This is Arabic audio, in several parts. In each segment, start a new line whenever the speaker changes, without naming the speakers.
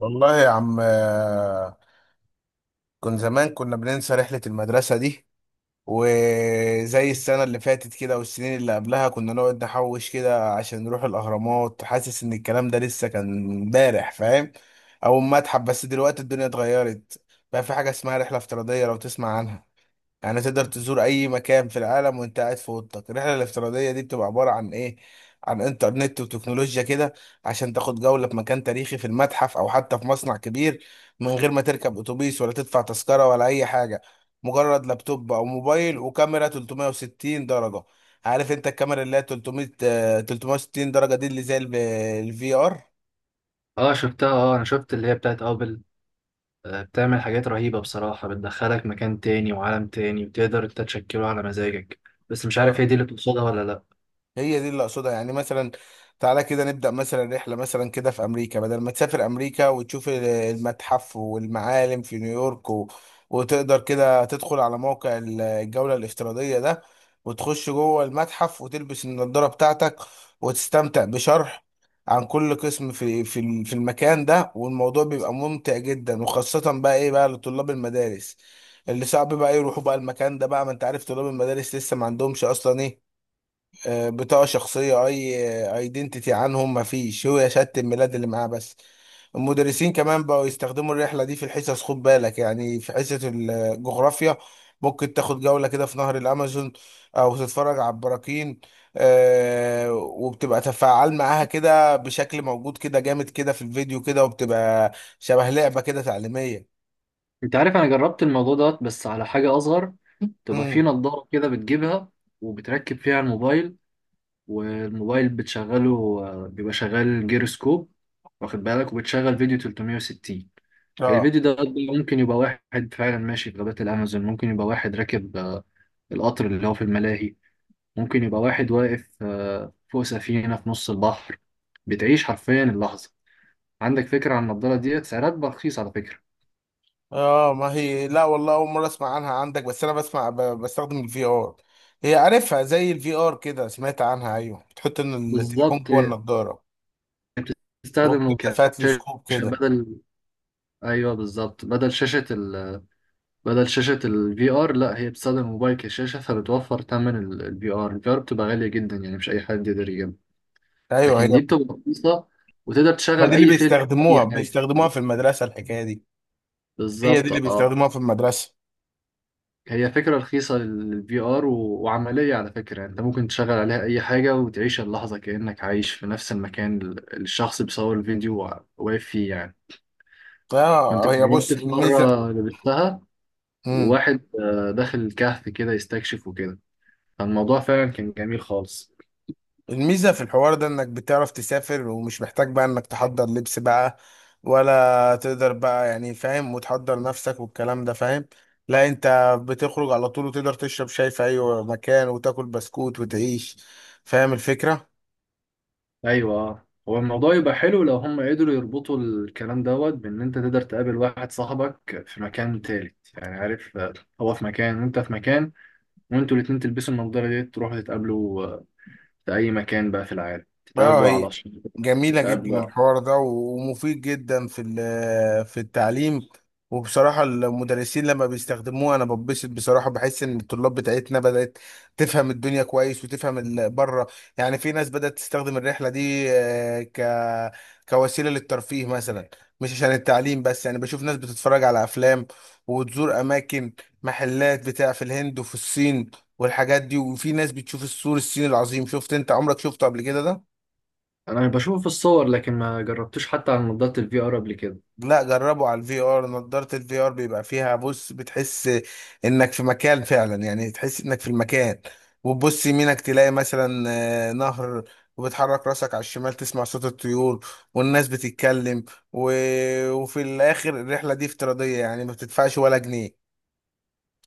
والله يا عم كنت زمان كنا بننسى رحلة المدرسة دي، وزي السنة اللي فاتت كده والسنين اللي قبلها كنا نقعد نحوش كده عشان نروح الأهرامات، حاسس إن الكلام ده لسه كان امبارح فاهم، أو المتحف. بس دلوقتي الدنيا اتغيرت، بقى في حاجة اسمها رحلة افتراضية، لو تسمع عنها يعني تقدر تزور اي مكان في العالم وانت قاعد في اوضتك. الرحله الافتراضيه دي بتبقى عباره عن ايه؟ عن انترنت وتكنولوجيا كده، عشان تاخد جوله في مكان تاريخي في المتحف او حتى في مصنع كبير، من غير ما تركب اتوبيس ولا تدفع تذكره ولا اي حاجه. مجرد لابتوب او موبايل وكاميرا 360 درجه. عارف انت الكاميرا اللي هي 300 360 درجه دي اللي زي الفي
اه شفتها اه انا شفت اللي هي بتاعت ابل بتعمل حاجات رهيبة بصراحة، بتدخلك مكان تاني وعالم تاني وتقدر انت تشكله على مزاجك. بس مش
ار،
عارف هي دي اللي تقصدها ولا لا.
هي دي اللي اقصدها. يعني مثلا تعالى كده نبدأ مثلا رحلة مثلا كده في أمريكا، بدل ما تسافر أمريكا وتشوف المتحف والمعالم في نيويورك وتقدر كده تدخل على موقع الجولة الافتراضية ده، وتخش جوه المتحف وتلبس النضارة بتاعتك، وتستمتع بشرح عن كل قسم في في المكان ده. والموضوع بيبقى ممتع جدا، وخاصة بقى ايه بقى لطلاب المدارس اللي صعب بقى يروحوا بقى المكان ده بقى. ما انت عارف طلاب المدارس لسه ما عندهمش اصلا ايه؟ بطاقة شخصية، أي ايدنتيتي عنهم مفيش، هو شهادة الميلاد اللي معاه بس. المدرسين كمان بقوا يستخدموا الرحلة دي في الحصص، خد بالك يعني في حصة الجغرافيا ممكن تاخد جولة كده في نهر الأمازون، أو تتفرج على البراكين، وبتبقى تفاعل معاها كده بشكل موجود كده جامد كده في الفيديو كده، وبتبقى شبه لعبة كده تعليمية.
انت عارف انا جربت الموضوع دوت بس على حاجة اصغر. تبقى في
امم
نظارة كده بتجيبها وبتركب فيها الموبايل، والموبايل بتشغله، بيبقى شغال جيروسكوب، واخد بالك؟ وبتشغل فيديو 360.
اه،
الفيديو ده ممكن يبقى واحد فعلا ماشي في غابات الأمازون، ممكن يبقى واحد راكب القطر اللي هو في الملاهي، ممكن يبقى واحد واقف فوق سفينة في نص البحر. بتعيش حرفيا اللحظة. عندك فكرة عن النضارة ديت؟ سعرها بقى رخيص على فكرة.
اه ما هي لا والله اول مره اسمع عنها عندك. بس انا بسمع بستخدم الفي ار، هي عارفها زي الفي ار كده، سمعت عنها. ايوه، بتحط إن التليفون
بالظبط
جوه
آه،
النضاره،
بتستخدم
وبتبقى فيها تلسكوب
كشاشة
كده.
بدل. أيوه بالظبط، بدل شاشة بدل شاشة الفي آر. لا، هي بتستخدم الموبايل كشاشة، فبتوفر تمن الفي آر. الفي آر بتبقى غالية جدا، يعني مش أي حد يقدر يجيبها،
ايوه هي،
لكن دي بتبقى رخيصة وتقدر
ما
تشغل
دي اللي
أي فيلم أو
بيستخدموها
أي حاجة.
بيستخدموها في المدرسه، الحكايه دي، هي دي
بالظبط
اللي
اه.
بيستخدموها في المدرسه.
هي فكرة رخيصة للفي ار وعملية على فكرة، يعني انت ممكن تشغل عليها اي حاجة وتعيش اللحظة كأنك عايش في نفس المكان اللي الشخص بيصور الفيديو واقف فيه يعني. كنت
اه هي،
جربت
بص
في
الميزه،
مرة لبستها،
مم.
وواحد داخل الكهف كده يستكشف وكده، فالموضوع فعلا كان جميل خالص.
الميزة في الحوار ده انك بتعرف تسافر، ومش محتاج بقى انك تحضر لبس بقى، ولا تقدر بقى يعني فاهم، وتحضر نفسك والكلام ده فاهم. لا انت بتخرج على طول، وتقدر تشرب شاي في اي مكان وتاكل بسكوت وتعيش، فاهم الفكرة.
ايوه آه. هو الموضوع يبقى حلو لو هم قدروا يربطوا الكلام دوت بان انت تقدر تقابل واحد صاحبك في مكان تالت، يعني عارف، هو في مكان وانت في مكان، وانتوا الاتنين تلبسوا النضارة دي تروحوا تتقابلوا، في أي مكان بقى في العالم.
اه
تتقابلوا على
هي جميلة جدا
تتقابلوا على...
الحوار ده ومفيد جدا في في التعليم. وبصراحة المدرسين لما بيستخدموها أنا ببسط بصراحة، بحس إن الطلاب بتاعتنا بدأت تفهم الدنيا كويس، وتفهم بره. يعني في ناس بدأت تستخدم الرحلة دي آه، ك كوسيلة للترفيه مثلا، مش عشان التعليم بس، يعني بشوف ناس بتتفرج على أفلام وتزور أماكن، محلات بتاع في الهند وفي الصين والحاجات دي. وفي ناس بتشوف السور الصيني العظيم، شفت أنت عمرك شفته قبل كده ده؟
أنا بشوفه في الصور لكن ما جربتوش حتى على نظارة الفي آر قبل كده.
لا، جربوا على الفي ار، نضارة الفي ار بيبقى فيها بص بتحس انك في مكان فعلا، يعني تحس انك في المكان، وتبص يمينك تلاقي مثلا نهر، وبتحرك راسك على الشمال تسمع صوت الطيور والناس بتتكلم و... وفي الاخر الرحلة دي افتراضية يعني ما بتدفعش ولا جنيه.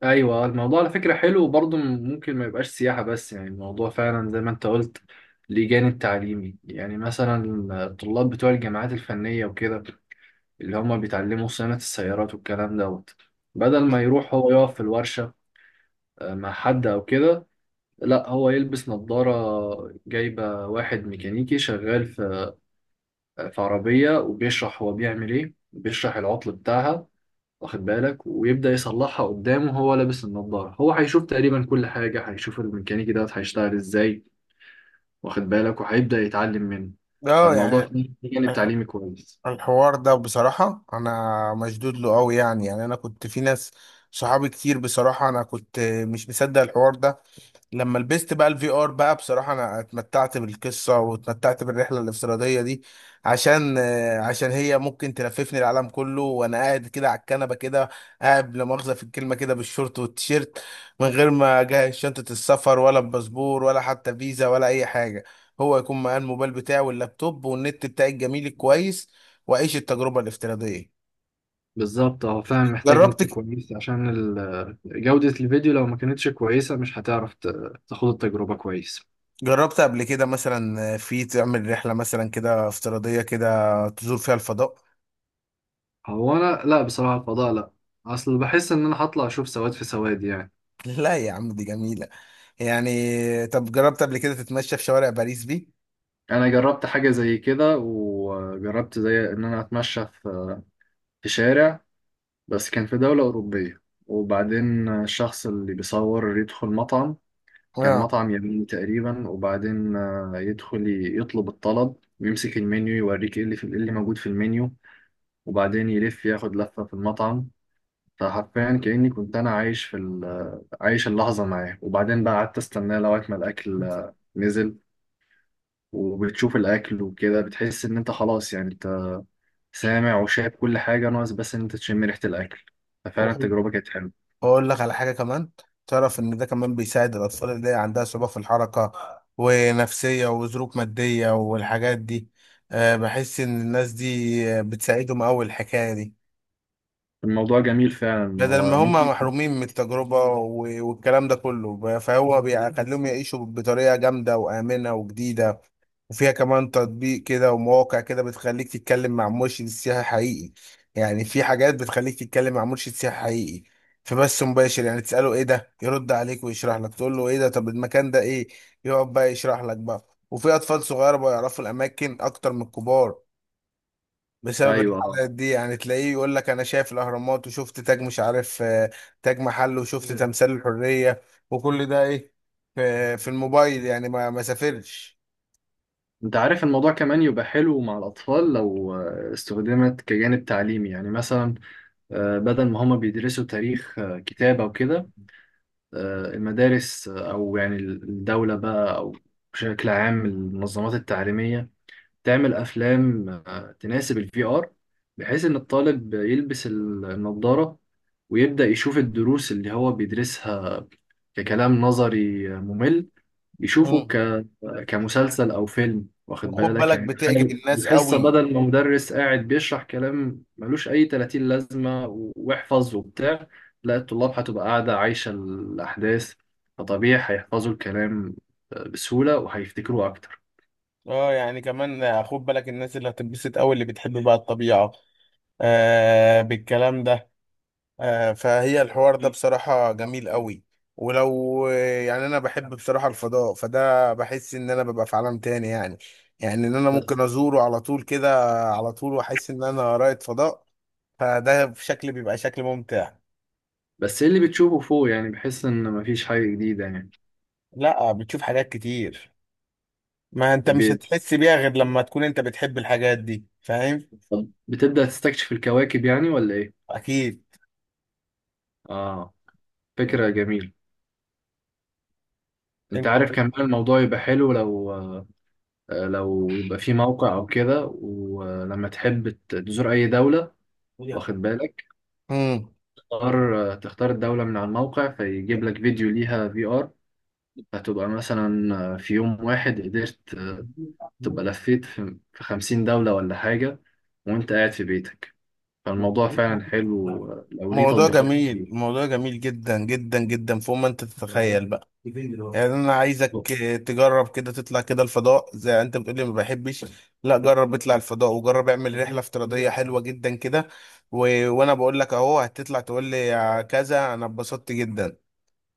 أيوة، الموضوع على فكرة حلو، وبرضه ممكن ما يبقاش سياحة بس، يعني الموضوع فعلا زي ما أنت قلت ليه جانب تعليمي. يعني مثلا الطلاب بتوع الجامعات الفنية وكده، اللي هما بيتعلموا صيانة السيارات والكلام دوت، بدل ما يروح هو يقف في الورشة مع حد أو كده، لا، هو يلبس نظارة جايبة واحد ميكانيكي شغال في عربية وبيشرح هو بيعمل إيه، بيشرح العطل بتاعها، واخد بالك؟ ويبدأ يصلحها قدامه وهو لابس النظارة. هو هيشوف تقريبا كل حاجة، هيشوف الميكانيكي دوت هيشتغل إزاي، واخد بالك؟ وهيبدأ يتعلم منه.
اه
فالموضوع
يعني
فيه جانب
الح-
تعليمي كويس.
الحوار ده بصراحة أنا مشدود له أوي، يعني أنا كنت في ناس صحابي كتير بصراحة، أنا كنت مش مصدق الحوار ده، لما لبست بقى الفي ار بقى بصراحة انا اتمتعت بالقصة، واتمتعت بالرحلة الافتراضية دي، عشان عشان هي ممكن تلففني العالم كله وانا قاعد كده على الكنبة كده، قاعد لا مؤاخذة في الكلمة كده بالشورت والتيشيرت، من غير ما اجهز شنطة السفر ولا الباسبور ولا حتى فيزا ولا اي حاجة. هو يكون معاه الموبايل بتاعي واللابتوب والنت بتاعي الجميل الكويس، واعيش التجربة الافتراضية.
بالظبط، هو فعلا محتاج نت
جربت،
كويس، عشان جودة الفيديو لو ما كانتش كويسة مش هتعرف تاخد التجربة كويس.
جربت قبل كده مثلا في تعمل رحلة مثلا كده افتراضية كده تزور فيها الفضاء؟
هو أنا لا بصراحة الفضاء لا، أصل بحس إن أنا هطلع أشوف سواد في سواد يعني.
لا يا عم دي جميلة يعني. طب جربت قبل كده تتمشى في شوارع باريس دي؟
انا جربت حاجه زي كده، وجربت زي ان انا اتمشى في شارع، بس كان في دوله اوروبيه، وبعدين الشخص اللي بيصور يدخل مطعم. كان
اه
مطعم يمين تقريبا، وبعدين يدخل يطلب الطلب ويمسك المنيو، يوريك ايه اللي في، إيه اللي موجود في المنيو، وبعدين يلف ياخد لفه في المطعم. فحرفيا كأني كنت انا عايش في عايش اللحظه معاه، وبعدين بقى قعدت استناه لغايه ما الاكل، نزل. وبتشوف الاكل وكده، بتحس ان انت خلاص، يعني سامع وشايف كل حاجة، ناقص بس إن أنت تشم ريحة الأكل. ففعلا
وخد،
التجربة كانت حلوة.
اقول لك على حاجة كمان، تعرف ان ده كمان بيساعد الاطفال اللي عندها صعوبة في الحركة ونفسية وظروف مادية والحاجات دي. أه بحس ان الناس دي بتساعدهم اوي الحكاية دي،
الموضوع جميل فعلا،
بدل ما
هو
هم
ممكن.
محرومين من التجربة والكلام ده كله فهو بيخليهم يعيشوا بطريقة جامدة وآمنة وجديدة. وفيها كمان تطبيق كده ومواقع كده بتخليك تتكلم مع مرشد سياحي حقيقي، يعني في حاجات بتخليك تتكلم مع مرشد سياحي حقيقي في بث مباشر، يعني تسأله ايه ده يرد عليك ويشرح لك، تقول له ايه ده طب المكان ده ايه يقعد بقى يشرح لك بقى. وفي اطفال صغيره بقى يعرفوا الاماكن اكتر من الكبار بسبب
أيوه آه.
الحلقات دي، يعني تلاقيه يقول لك انا شايف الاهرامات، وشفت تاج مش عارف تاج محل، وشفت تمثال الحرية، وكل ده ايه في في الموبايل يعني، ما سافرش.
أنت عارف الموضوع كمان يبقى حلو مع الأطفال لو استخدمت كجانب تعليمي. يعني مثلا، بدل ما هما بيدرسوا تاريخ، كتاب أو كده، المدارس، أو يعني الدولة بقى، أو بشكل عام المنظمات التعليمية، تعمل افلام تناسب الفي ار، بحيث ان الطالب يلبس النظارة ويبدأ يشوف الدروس اللي هو بيدرسها ككلام نظري ممل، يشوفه
مم.
كمسلسل او فيلم، واخد
وخد
بالك؟
بالك
يعني
بتعجب
تخيل
الناس
الحصة
قوي.
بدل ما مدرس قاعد بيشرح كلام ملوش اي 30 لازمة واحفظ وبتاع، لا، الطلاب هتبقى قاعدة عايشة الاحداث، فطبيعي هيحفظوا الكلام بسهولة، وهيفتكروه اكتر.
اه يعني كمان خد بالك الناس اللي هتنبسط قوي، اللي بتحب بقى الطبيعة آه بالكلام ده. فهي الحوار ده بصراحة جميل قوي، ولو يعني أنا بحب بصراحة الفضاء فده بحس إن أنا ببقى في عالم تاني يعني، يعني إن أنا ممكن أزوره على طول كده، على طول، وأحس إن أنا رائد فضاء، فده في شكل بيبقى شكل ممتع.
بس ايه اللي بتشوفه فوق، يعني بحس ان مفيش حاجة جديدة يعني.
لا بتشوف حاجات كتير، ما أنت مش
ب-
هتحس بيها غير لما تكون أنت بتحب الحاجات دي، فاهم.
طب بتبدأ تستكشف الكواكب يعني ولا ايه؟
أكيد.
اه، فكرة جميلة. انت
أنت
عارف كمان الموضوع يبقى حلو لو، لو يبقى في موقع او كده، ولما تحب تزور اي دولة، واخد بالك؟ تختار، تختار الدولة من على الموقع فيجيب لك فيديو ليها في ار. هتبقى مثلا، في يوم واحد قدرت، تبقى
مم.
لفيت في 50 دولة ولا حاجة، وانت قاعد في بيتك. فالموضوع فعلا حلو لو ليه
موضوع
تطبيقات كتير.
جميل، موضوع جميل جدا جدا جدا فوق ما انت تتخيل بقى. يعني انا عايزك تجرب كده تطلع كده الفضاء، زي انت بتقولي ما بحبش، لا جرب اطلع الفضاء، وجرب اعمل رحله افتراضيه حلوه جدا كده وانا بقول لك اهو هتطلع تقول لي يا كذا انا اتبسطت جدا،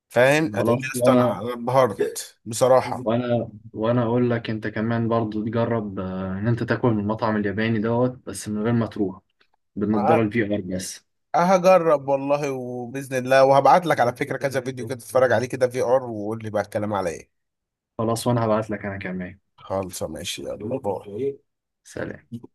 فاهم، هتقول لي
خلاص.
يا اسطى انا
وانا
اتبهرت بصراحه.
وانا وانا اقول لك انت كمان برضو تجرب، ان انت تاكل من المطعم الياباني دوت بس من غير ما تروح، بالنضاره
ه-
الفي ار بس.
هجرب والله، وباذن الله وهبعت لك على فكره كذا فيديو كده تتفرج عليه كده في ار، وقول لي بقى الكلام على ايه.
خلاص، وانا هبعت لك انا كمان.
خالص ماشي، يلا باي.
سلام.